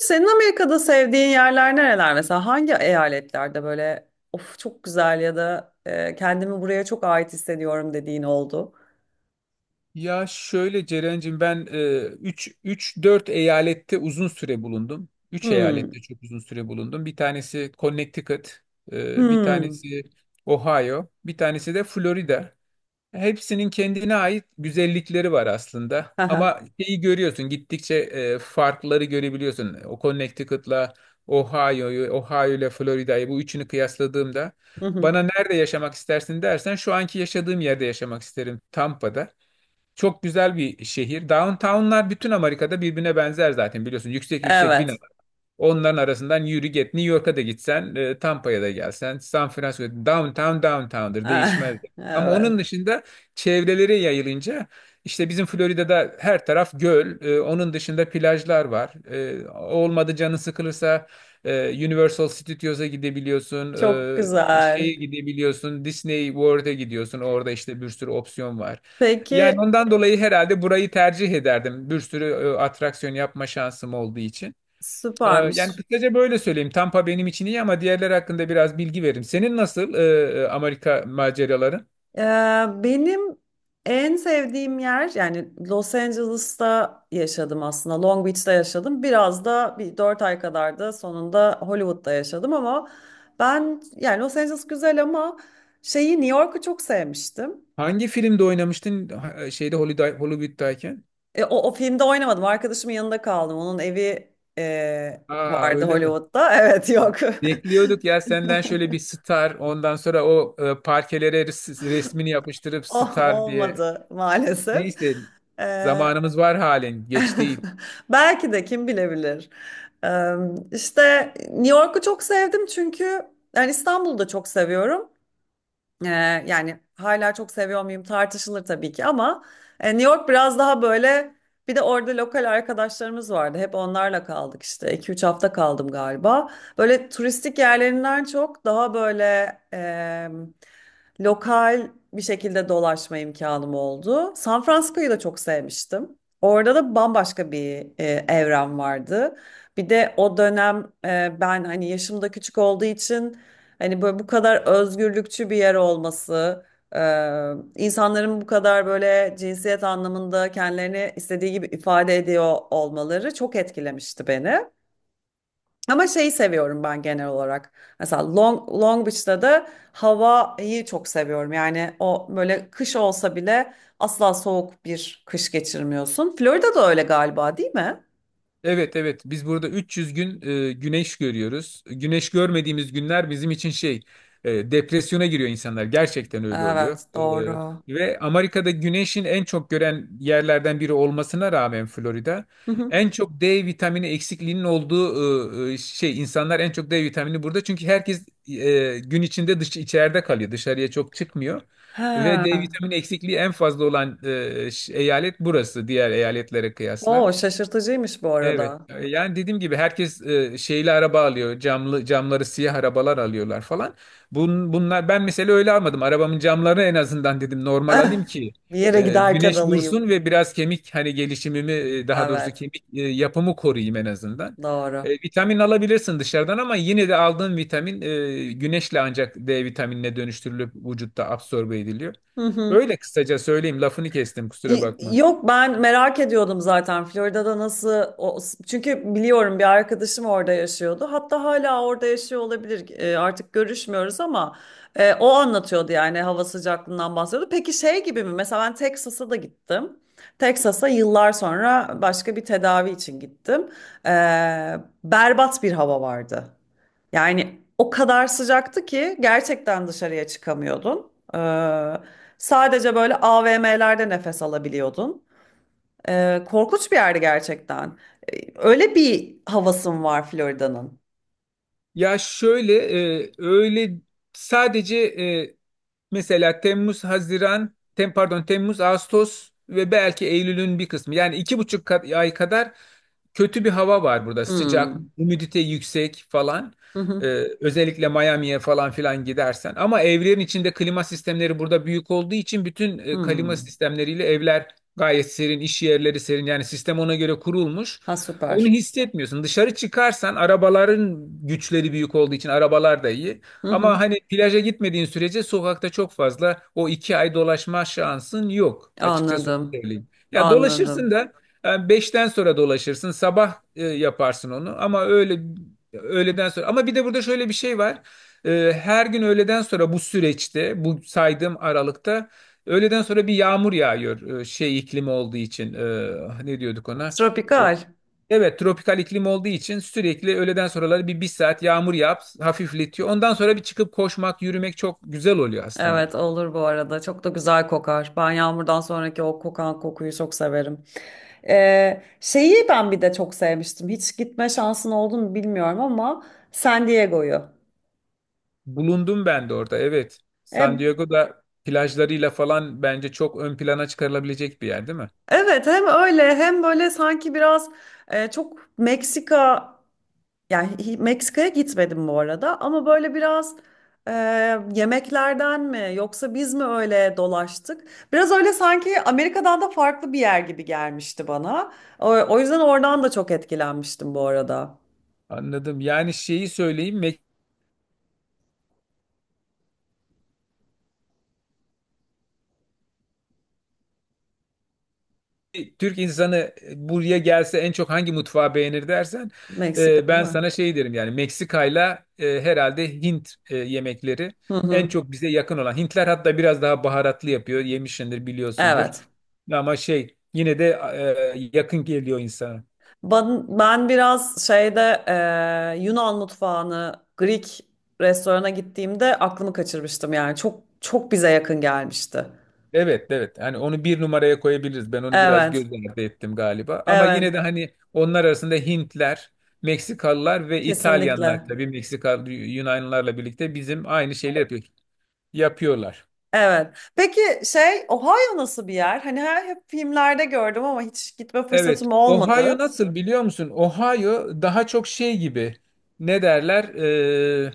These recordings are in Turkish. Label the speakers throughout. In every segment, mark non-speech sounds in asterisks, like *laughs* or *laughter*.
Speaker 1: Senin Amerika'da sevdiğin yerler nereler mesela? Hangi eyaletlerde böyle of çok güzel ya da kendimi buraya çok ait hissediyorum dediğin oldu?
Speaker 2: Ya şöyle Ceren'cim ben üç dört eyalette uzun süre bulundum. Üç
Speaker 1: Hmm.
Speaker 2: eyalette çok uzun süre bulundum. Bir tanesi Connecticut, bir
Speaker 1: Hmm.
Speaker 2: tanesi Ohio, bir tanesi de Florida. Hepsinin kendine ait güzellikleri var aslında.
Speaker 1: Haha.
Speaker 2: Ama şeyi görüyorsun gittikçe farkları görebiliyorsun. O Connecticut'la Ohio'yu, Ohio ile Florida'yı bu üçünü kıyasladığımda
Speaker 1: Hı hı.
Speaker 2: bana nerede yaşamak istersin dersen şu anki yaşadığım yerde yaşamak isterim Tampa'da. Çok güzel bir şehir. Downtown'lar bütün Amerika'da birbirine benzer zaten biliyorsun. Yüksek yüksek bina.
Speaker 1: Evet.
Speaker 2: Onların arasından yürü git. New York'a da gitsen, Tampa'ya da gelsen, San Francisco, downtown downtown'dır, değişmez.
Speaker 1: *laughs*
Speaker 2: Ama onun
Speaker 1: Evet.
Speaker 2: dışında çevrelere yayılınca işte bizim Florida'da her taraf göl, onun dışında plajlar var. Olmadı canın sıkılırsa Universal Studios'a gidebiliyorsun,
Speaker 1: Çok
Speaker 2: şeye
Speaker 1: güzel.
Speaker 2: gidebiliyorsun, Disney World'e gidiyorsun. Orada işte bir sürü opsiyon var.
Speaker 1: Peki,
Speaker 2: Yani ondan dolayı herhalde burayı tercih ederdim. Bir sürü atraksiyon yapma şansım olduğu için. Yani
Speaker 1: süpermiş.
Speaker 2: kısaca böyle söyleyeyim. Tampa benim için iyi ama diğerleri hakkında biraz bilgi veririm. Senin nasıl Amerika maceraları?
Speaker 1: Ee, benim en sevdiğim yer, yani Los Angeles'ta yaşadım, aslında Long Beach'te yaşadım biraz da, bir 4 ay kadar da sonunda Hollywood'da yaşadım ama ben, yani Los Angeles güzel ama şeyi, New York'u çok sevmiştim.
Speaker 2: Hangi filmde oynamıştın şeyde Hollywood'dayken?
Speaker 1: O, o filmde oynamadım, arkadaşımın yanında kaldım, onun evi e,
Speaker 2: Aa,
Speaker 1: vardı
Speaker 2: öyle mi?
Speaker 1: Hollywood'da, evet, yok.
Speaker 2: Bekliyorduk ya senden şöyle bir star, ondan sonra o parkelere resmini yapıştırıp
Speaker 1: *laughs* O-
Speaker 2: star diye.
Speaker 1: olmadı maalesef.
Speaker 2: Neyse,
Speaker 1: Ee,
Speaker 2: zamanımız var halen, geç değil.
Speaker 1: *laughs* Belki de, kim bilebilir. Eee, İşte New York'u çok sevdim çünkü yani İstanbul'u da çok seviyorum. Yani hala çok seviyor muyum tartışılır tabii ki ama New York biraz daha böyle, bir de orada lokal arkadaşlarımız vardı. Hep onlarla kaldık, işte iki üç hafta kaldım galiba. Böyle turistik yerlerinden çok daha böyle lokal bir şekilde dolaşma imkanım oldu. San Francisco'yu da çok sevmiştim. Orada da bambaşka bir evren vardı. Bir de o dönem ben hani yaşımda küçük olduğu için, hani böyle bu kadar özgürlükçü bir yer olması, e, insanların bu kadar böyle cinsiyet anlamında kendilerini istediği gibi ifade ediyor olmaları çok etkilemişti beni. Ama şeyi seviyorum ben genel olarak. Mesela Long Beach'te de havayı çok seviyorum. Yani o böyle kış olsa bile asla soğuk bir kış geçirmiyorsun. Florida da öyle galiba, değil mi?
Speaker 2: Evet, evet, biz burada 300 gün güneş görüyoruz. Güneş görmediğimiz günler bizim için şey depresyona giriyor insanlar. Gerçekten öyle oluyor.
Speaker 1: Evet, doğru.
Speaker 2: Ve Amerika'da güneşin en çok gören yerlerden biri olmasına rağmen Florida
Speaker 1: Hı hı.
Speaker 2: en çok D vitamini eksikliğinin olduğu şey insanlar en çok D vitamini burada. Çünkü herkes gün içinde dış içeride kalıyor. Dışarıya çok çıkmıyor. Ve D
Speaker 1: Ha.
Speaker 2: vitamini eksikliği en fazla olan eyalet burası diğer eyaletlere kıyasla.
Speaker 1: Oo, şaşırtıcıymış bu
Speaker 2: Evet.
Speaker 1: arada.
Speaker 2: Yani dediğim gibi herkes şeyli araba alıyor. Camlı camları siyah arabalar alıyorlar falan. Bunlar ben mesela öyle almadım. Arabamın camlarını en azından dedim normal
Speaker 1: Eh,
Speaker 2: alayım ki
Speaker 1: bir yere giderken
Speaker 2: güneş vursun
Speaker 1: alayım.
Speaker 2: ve biraz kemik hani gelişimimi daha doğrusu
Speaker 1: Evet,
Speaker 2: kemik yapımı koruyayım en azından.
Speaker 1: doğru.
Speaker 2: Vitamin alabilirsin dışarıdan ama yine de aldığın vitamin güneşle ancak D vitaminine dönüştürülüp vücutta absorbe ediliyor.
Speaker 1: Hı hı.
Speaker 2: Öyle kısaca söyleyeyim. Lafını kestim, kusura
Speaker 1: Y-
Speaker 2: bakma.
Speaker 1: yok, ben merak ediyordum zaten Florida'da nasıl o, çünkü biliyorum bir arkadaşım orada yaşıyordu, hatta hala orada yaşıyor olabilir. Artık görüşmüyoruz ama o anlatıyordu, yani hava sıcaklığından bahsediyordu. Peki şey gibi mi mesela, ben Texas'a da gittim, Texas'a yıllar sonra başka bir tedavi için gittim. E, berbat bir hava vardı. Yani o kadar sıcaktı ki gerçekten dışarıya çıkamıyordun. Sadece böyle AVM'lerde nefes alabiliyordun. Korkunç bir yerdi gerçekten. Öyle bir havasım var Florida'nın.
Speaker 2: Ya şöyle öyle sadece mesela Temmuz, Haziran, pardon Temmuz, Ağustos ve belki Eylül'ün bir kısmı yani 2,5 ay kadar kötü bir hava var burada. Sıcak,
Speaker 1: Hmm.
Speaker 2: humidite yüksek falan.
Speaker 1: Hı
Speaker 2: Ee,
Speaker 1: hı.
Speaker 2: Özellikle Miami'ye falan filan gidersen. Ama evlerin içinde klima sistemleri burada büyük olduğu için bütün klima
Speaker 1: Hmm.
Speaker 2: sistemleriyle evler gayet serin, iş yerleri serin. Yani sistem ona göre kurulmuş.
Speaker 1: Ha,
Speaker 2: Onu
Speaker 1: süper.
Speaker 2: hissetmiyorsun. Dışarı çıkarsan arabaların güçleri büyük olduğu için arabalar da iyi.
Speaker 1: Hı
Speaker 2: Ama
Speaker 1: hı.
Speaker 2: hani plaja gitmediğin sürece sokakta çok fazla o 2 ay dolaşma şansın yok. Açıkçası onu
Speaker 1: Anladım.
Speaker 2: söyleyeyim. Ya dolaşırsın
Speaker 1: Anladım.
Speaker 2: da yani 5'ten sonra dolaşırsın, sabah yaparsın onu ama öyle öğleden sonra. Ama bir de burada şöyle bir şey var. Her gün öğleden sonra bu süreçte, bu saydığım aralıkta öğleden sonra bir yağmur yağıyor. Şey iklimi olduğu için ne diyorduk ona? E,
Speaker 1: Tropikal.
Speaker 2: Evet, tropikal iklim olduğu için sürekli öğleden sonraları bir saat yağmur yağıp hafifletiyor. Ondan sonra bir çıkıp koşmak, yürümek çok güzel oluyor aslında.
Speaker 1: Evet, olur bu arada. Çok da güzel kokar. Ben yağmurdan sonraki o kokan kokuyu çok severim. Şeyi ben bir de çok sevmiştim. Hiç gitme şansın oldu mu bilmiyorum ama San Diego'yu.
Speaker 2: Bulundum ben de orada, evet. San
Speaker 1: E,
Speaker 2: Diego'da plajlarıyla falan bence çok ön plana çıkarılabilecek bir yer değil mi?
Speaker 1: evet, hem öyle hem böyle sanki biraz çok Meksika. Yani hi- Meksika'ya gitmedim bu arada ama böyle biraz e, yemeklerden mi, yoksa biz mi öyle dolaştık? Biraz öyle sanki Amerika'dan da farklı bir yer gibi gelmişti bana. O, o yüzden oradan da çok etkilenmiştim bu arada.
Speaker 2: Anladım. Yani şeyi söyleyeyim, Türk insanı buraya gelse en çok hangi mutfağı beğenir dersen
Speaker 1: Meksika, değil
Speaker 2: ben
Speaker 1: mi?
Speaker 2: sana şey derim, yani Meksika'yla herhalde Hint yemekleri
Speaker 1: Hı
Speaker 2: en
Speaker 1: hı.
Speaker 2: çok bize yakın olan. Hintler hatta biraz daha baharatlı yapıyor. Yemişsindir, biliyorsundur.
Speaker 1: Evet.
Speaker 2: Ama şey, yine de yakın geliyor insana.
Speaker 1: Ben biraz şeyde Yunan mutfağını, Greek restorana gittiğimde aklımı kaçırmıştım, yani çok çok bize yakın gelmişti.
Speaker 2: Evet, evet, hani onu bir numaraya koyabiliriz. Ben onu biraz göz
Speaker 1: Evet,
Speaker 2: ardı ettim galiba. Ama
Speaker 1: evet,
Speaker 2: yine de hani onlar arasında Hintler, Meksikalılar ve İtalyanlar,
Speaker 1: kesinlikle.
Speaker 2: tabii Meksika Yunanlılarla birlikte bizim aynı şeyler yapıyor, yapıyorlar.
Speaker 1: Evet. Peki şey, Ohio nasıl bir yer? Hani her, hep filmlerde gördüm ama hiç gitme
Speaker 2: Evet.
Speaker 1: fırsatım
Speaker 2: Ohio
Speaker 1: olmadı.
Speaker 2: nasıl, biliyor musun? Ohio daha çok şey gibi, ne derler?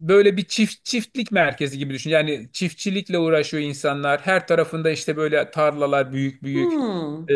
Speaker 2: Böyle bir çiftlik merkezi gibi düşün. Yani çiftçilikle uğraşıyor insanlar. Her tarafında işte böyle tarlalar, büyük büyük.
Speaker 1: Hmm.
Speaker 2: Ee,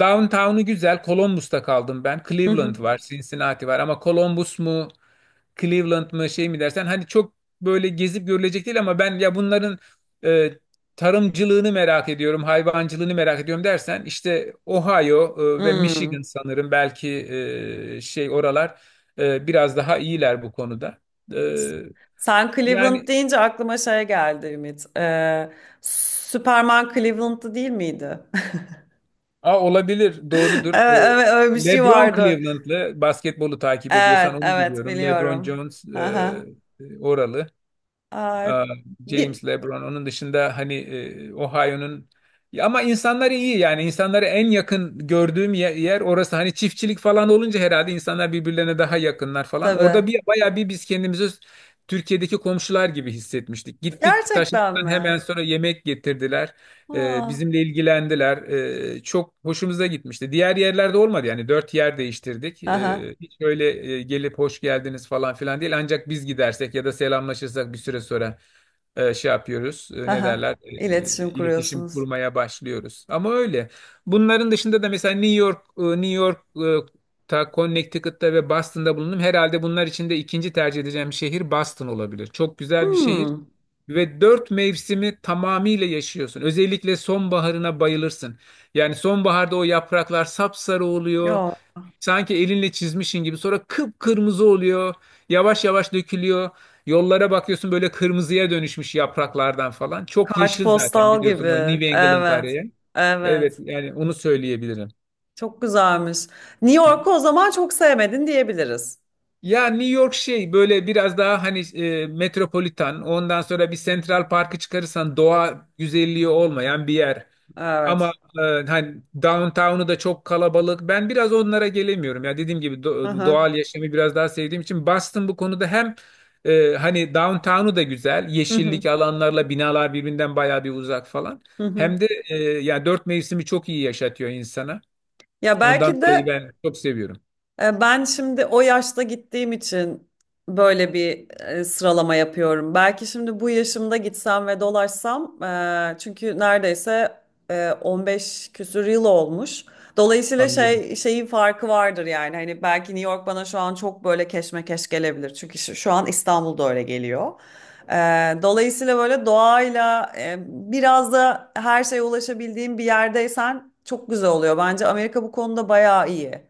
Speaker 2: Downtown'u güzel. Columbus'ta kaldım ben.
Speaker 1: Hı hı.
Speaker 2: Cleveland var, Cincinnati var, ama Columbus mu, Cleveland mı şey mi dersen hani çok böyle gezip görülecek değil, ama ben ya bunların e, tarımcılığını merak ediyorum, hayvancılığını merak ediyorum dersen işte Ohio ve Michigan
Speaker 1: Hmm.
Speaker 2: sanırım, belki şey, oralar biraz daha iyiler bu konuda. E,
Speaker 1: Sen Cleveland
Speaker 2: Yani
Speaker 1: deyince aklıma şey geldi, Ümit. Superman Cleveland'da değil miydi? *laughs*
Speaker 2: a, olabilir, doğrudur.
Speaker 1: Evet, evet, öyle bir şey
Speaker 2: LeBron
Speaker 1: vardı.
Speaker 2: Cleveland'lı, basketbolu takip ediyorsan
Speaker 1: Evet,
Speaker 2: onu
Speaker 1: evet,
Speaker 2: biliyorum. LeBron
Speaker 1: biliyorum.
Speaker 2: Jones
Speaker 1: Aha.
Speaker 2: oralı. Aa,
Speaker 1: Aa, bir
Speaker 2: James LeBron. Onun dışında hani Ohio'nun. Ya ama insanları iyi, yani insanları en yakın gördüğüm yer orası. Hani çiftçilik falan olunca herhalde insanlar birbirlerine daha yakınlar falan. Orada
Speaker 1: tabii.
Speaker 2: bir bayağı bir biz kendimizi Türkiye'deki komşular gibi hissetmiştik. Gittik,
Speaker 1: Gerçekten
Speaker 2: taşıdıktan
Speaker 1: mi?
Speaker 2: hemen sonra yemek getirdiler.
Speaker 1: Ha.
Speaker 2: Bizimle ilgilendiler. Çok hoşumuza gitmişti. Diğer yerlerde olmadı, yani dört yer değiştirdik.
Speaker 1: Aha.
Speaker 2: Hiç öyle gelip hoş geldiniz falan filan değil. Ancak biz gidersek ya da selamlaşırsak bir süre sonra şey yapıyoruz. Ne
Speaker 1: Aha.
Speaker 2: derler?
Speaker 1: İletişim
Speaker 2: İletişim
Speaker 1: kuruyorsunuz.
Speaker 2: kurmaya başlıyoruz. Ama öyle. Bunların dışında da mesela New York, Ta Connecticut'ta ve Boston'da bulundum. Herhalde bunlar içinde ikinci tercih edeceğim şehir Boston olabilir. Çok güzel bir şehir.
Speaker 1: Hmm.
Speaker 2: Ve dört mevsimi tamamıyla yaşıyorsun. Özellikle sonbaharına bayılırsın. Yani sonbaharda o yapraklar sapsarı oluyor.
Speaker 1: Ya,
Speaker 2: Sanki elinle çizmişin gibi. Sonra kıpkırmızı oluyor. Yavaş yavaş dökülüyor. Yollara bakıyorsun, böyle kırmızıya dönüşmüş yapraklardan falan. Çok yeşil zaten,
Speaker 1: kartpostal
Speaker 2: biliyorsun
Speaker 1: gibi.
Speaker 2: o New England
Speaker 1: Evet.
Speaker 2: araya. Evet,
Speaker 1: Evet.
Speaker 2: yani onu söyleyebilirim.
Speaker 1: Çok güzelmiş. New York'u o zaman çok sevmedin diyebiliriz.
Speaker 2: Ya New York şey, böyle biraz daha hani metropolitan, ondan sonra bir Central Park'ı çıkarırsan doğa güzelliği olmayan bir yer. Ama
Speaker 1: Evet.
Speaker 2: e, hani downtown'u da çok kalabalık. Ben biraz onlara gelemiyorum. Ya dediğim gibi
Speaker 1: Hı.
Speaker 2: doğal yaşamı biraz daha sevdiğim için Boston bu konuda hem hani downtown'u da güzel.
Speaker 1: Hı hı.
Speaker 2: Yeşillik alanlarla binalar birbirinden bayağı bir uzak falan.
Speaker 1: Hı hı.
Speaker 2: Hem de ya dört mevsimi çok iyi yaşatıyor insana.
Speaker 1: Ya
Speaker 2: Ondan
Speaker 1: belki
Speaker 2: dolayı
Speaker 1: de.
Speaker 2: ben çok seviyorum.
Speaker 1: Ben şimdi o yaşta gittiğim için böyle bir sıralama yapıyorum. Belki şimdi bu yaşımda gitsem ve dolaşsam, çünkü neredeyse 15 küsür yıl olmuş. Dolayısıyla
Speaker 2: Anladım.
Speaker 1: şey, şeyin farkı vardır yani. Hani belki New York bana şu an çok böyle keşmekeş gelebilir. Çünkü şu an İstanbul'da öyle geliyor. E, dolayısıyla böyle doğayla biraz da her şeye ulaşabildiğim bir yerdeysen çok güzel oluyor. Bence Amerika bu konuda bayağı iyi.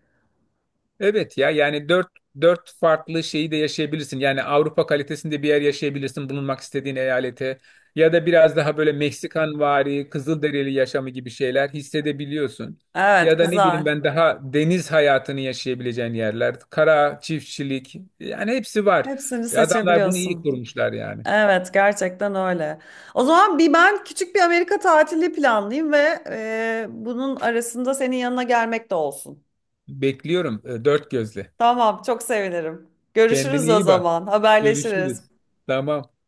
Speaker 2: Evet ya, yani dört farklı şeyi de yaşayabilirsin. Yani Avrupa kalitesinde bir yer yaşayabilirsin bulunmak istediğin eyalete. Ya da biraz daha böyle Meksikanvari, Kızılderili yaşamı gibi şeyler hissedebiliyorsun.
Speaker 1: Evet,
Speaker 2: Ya da ne
Speaker 1: güzel.
Speaker 2: bileyim ben, daha deniz hayatını yaşayabileceğin yerler, kara çiftçilik, yani hepsi var.
Speaker 1: Hepsini
Speaker 2: Adamlar bunu iyi
Speaker 1: seçebiliyorsun.
Speaker 2: kurmuşlar yani.
Speaker 1: Evet, gerçekten öyle. O zaman bir, ben küçük bir Amerika tatili planlayayım ve bunun arasında senin yanına gelmek de olsun.
Speaker 2: Bekliyorum dört gözle.
Speaker 1: Tamam, çok sevinirim.
Speaker 2: Kendine
Speaker 1: Görüşürüz o
Speaker 2: iyi bak.
Speaker 1: zaman. Haberleşiriz.
Speaker 2: Görüşürüz. Tamam.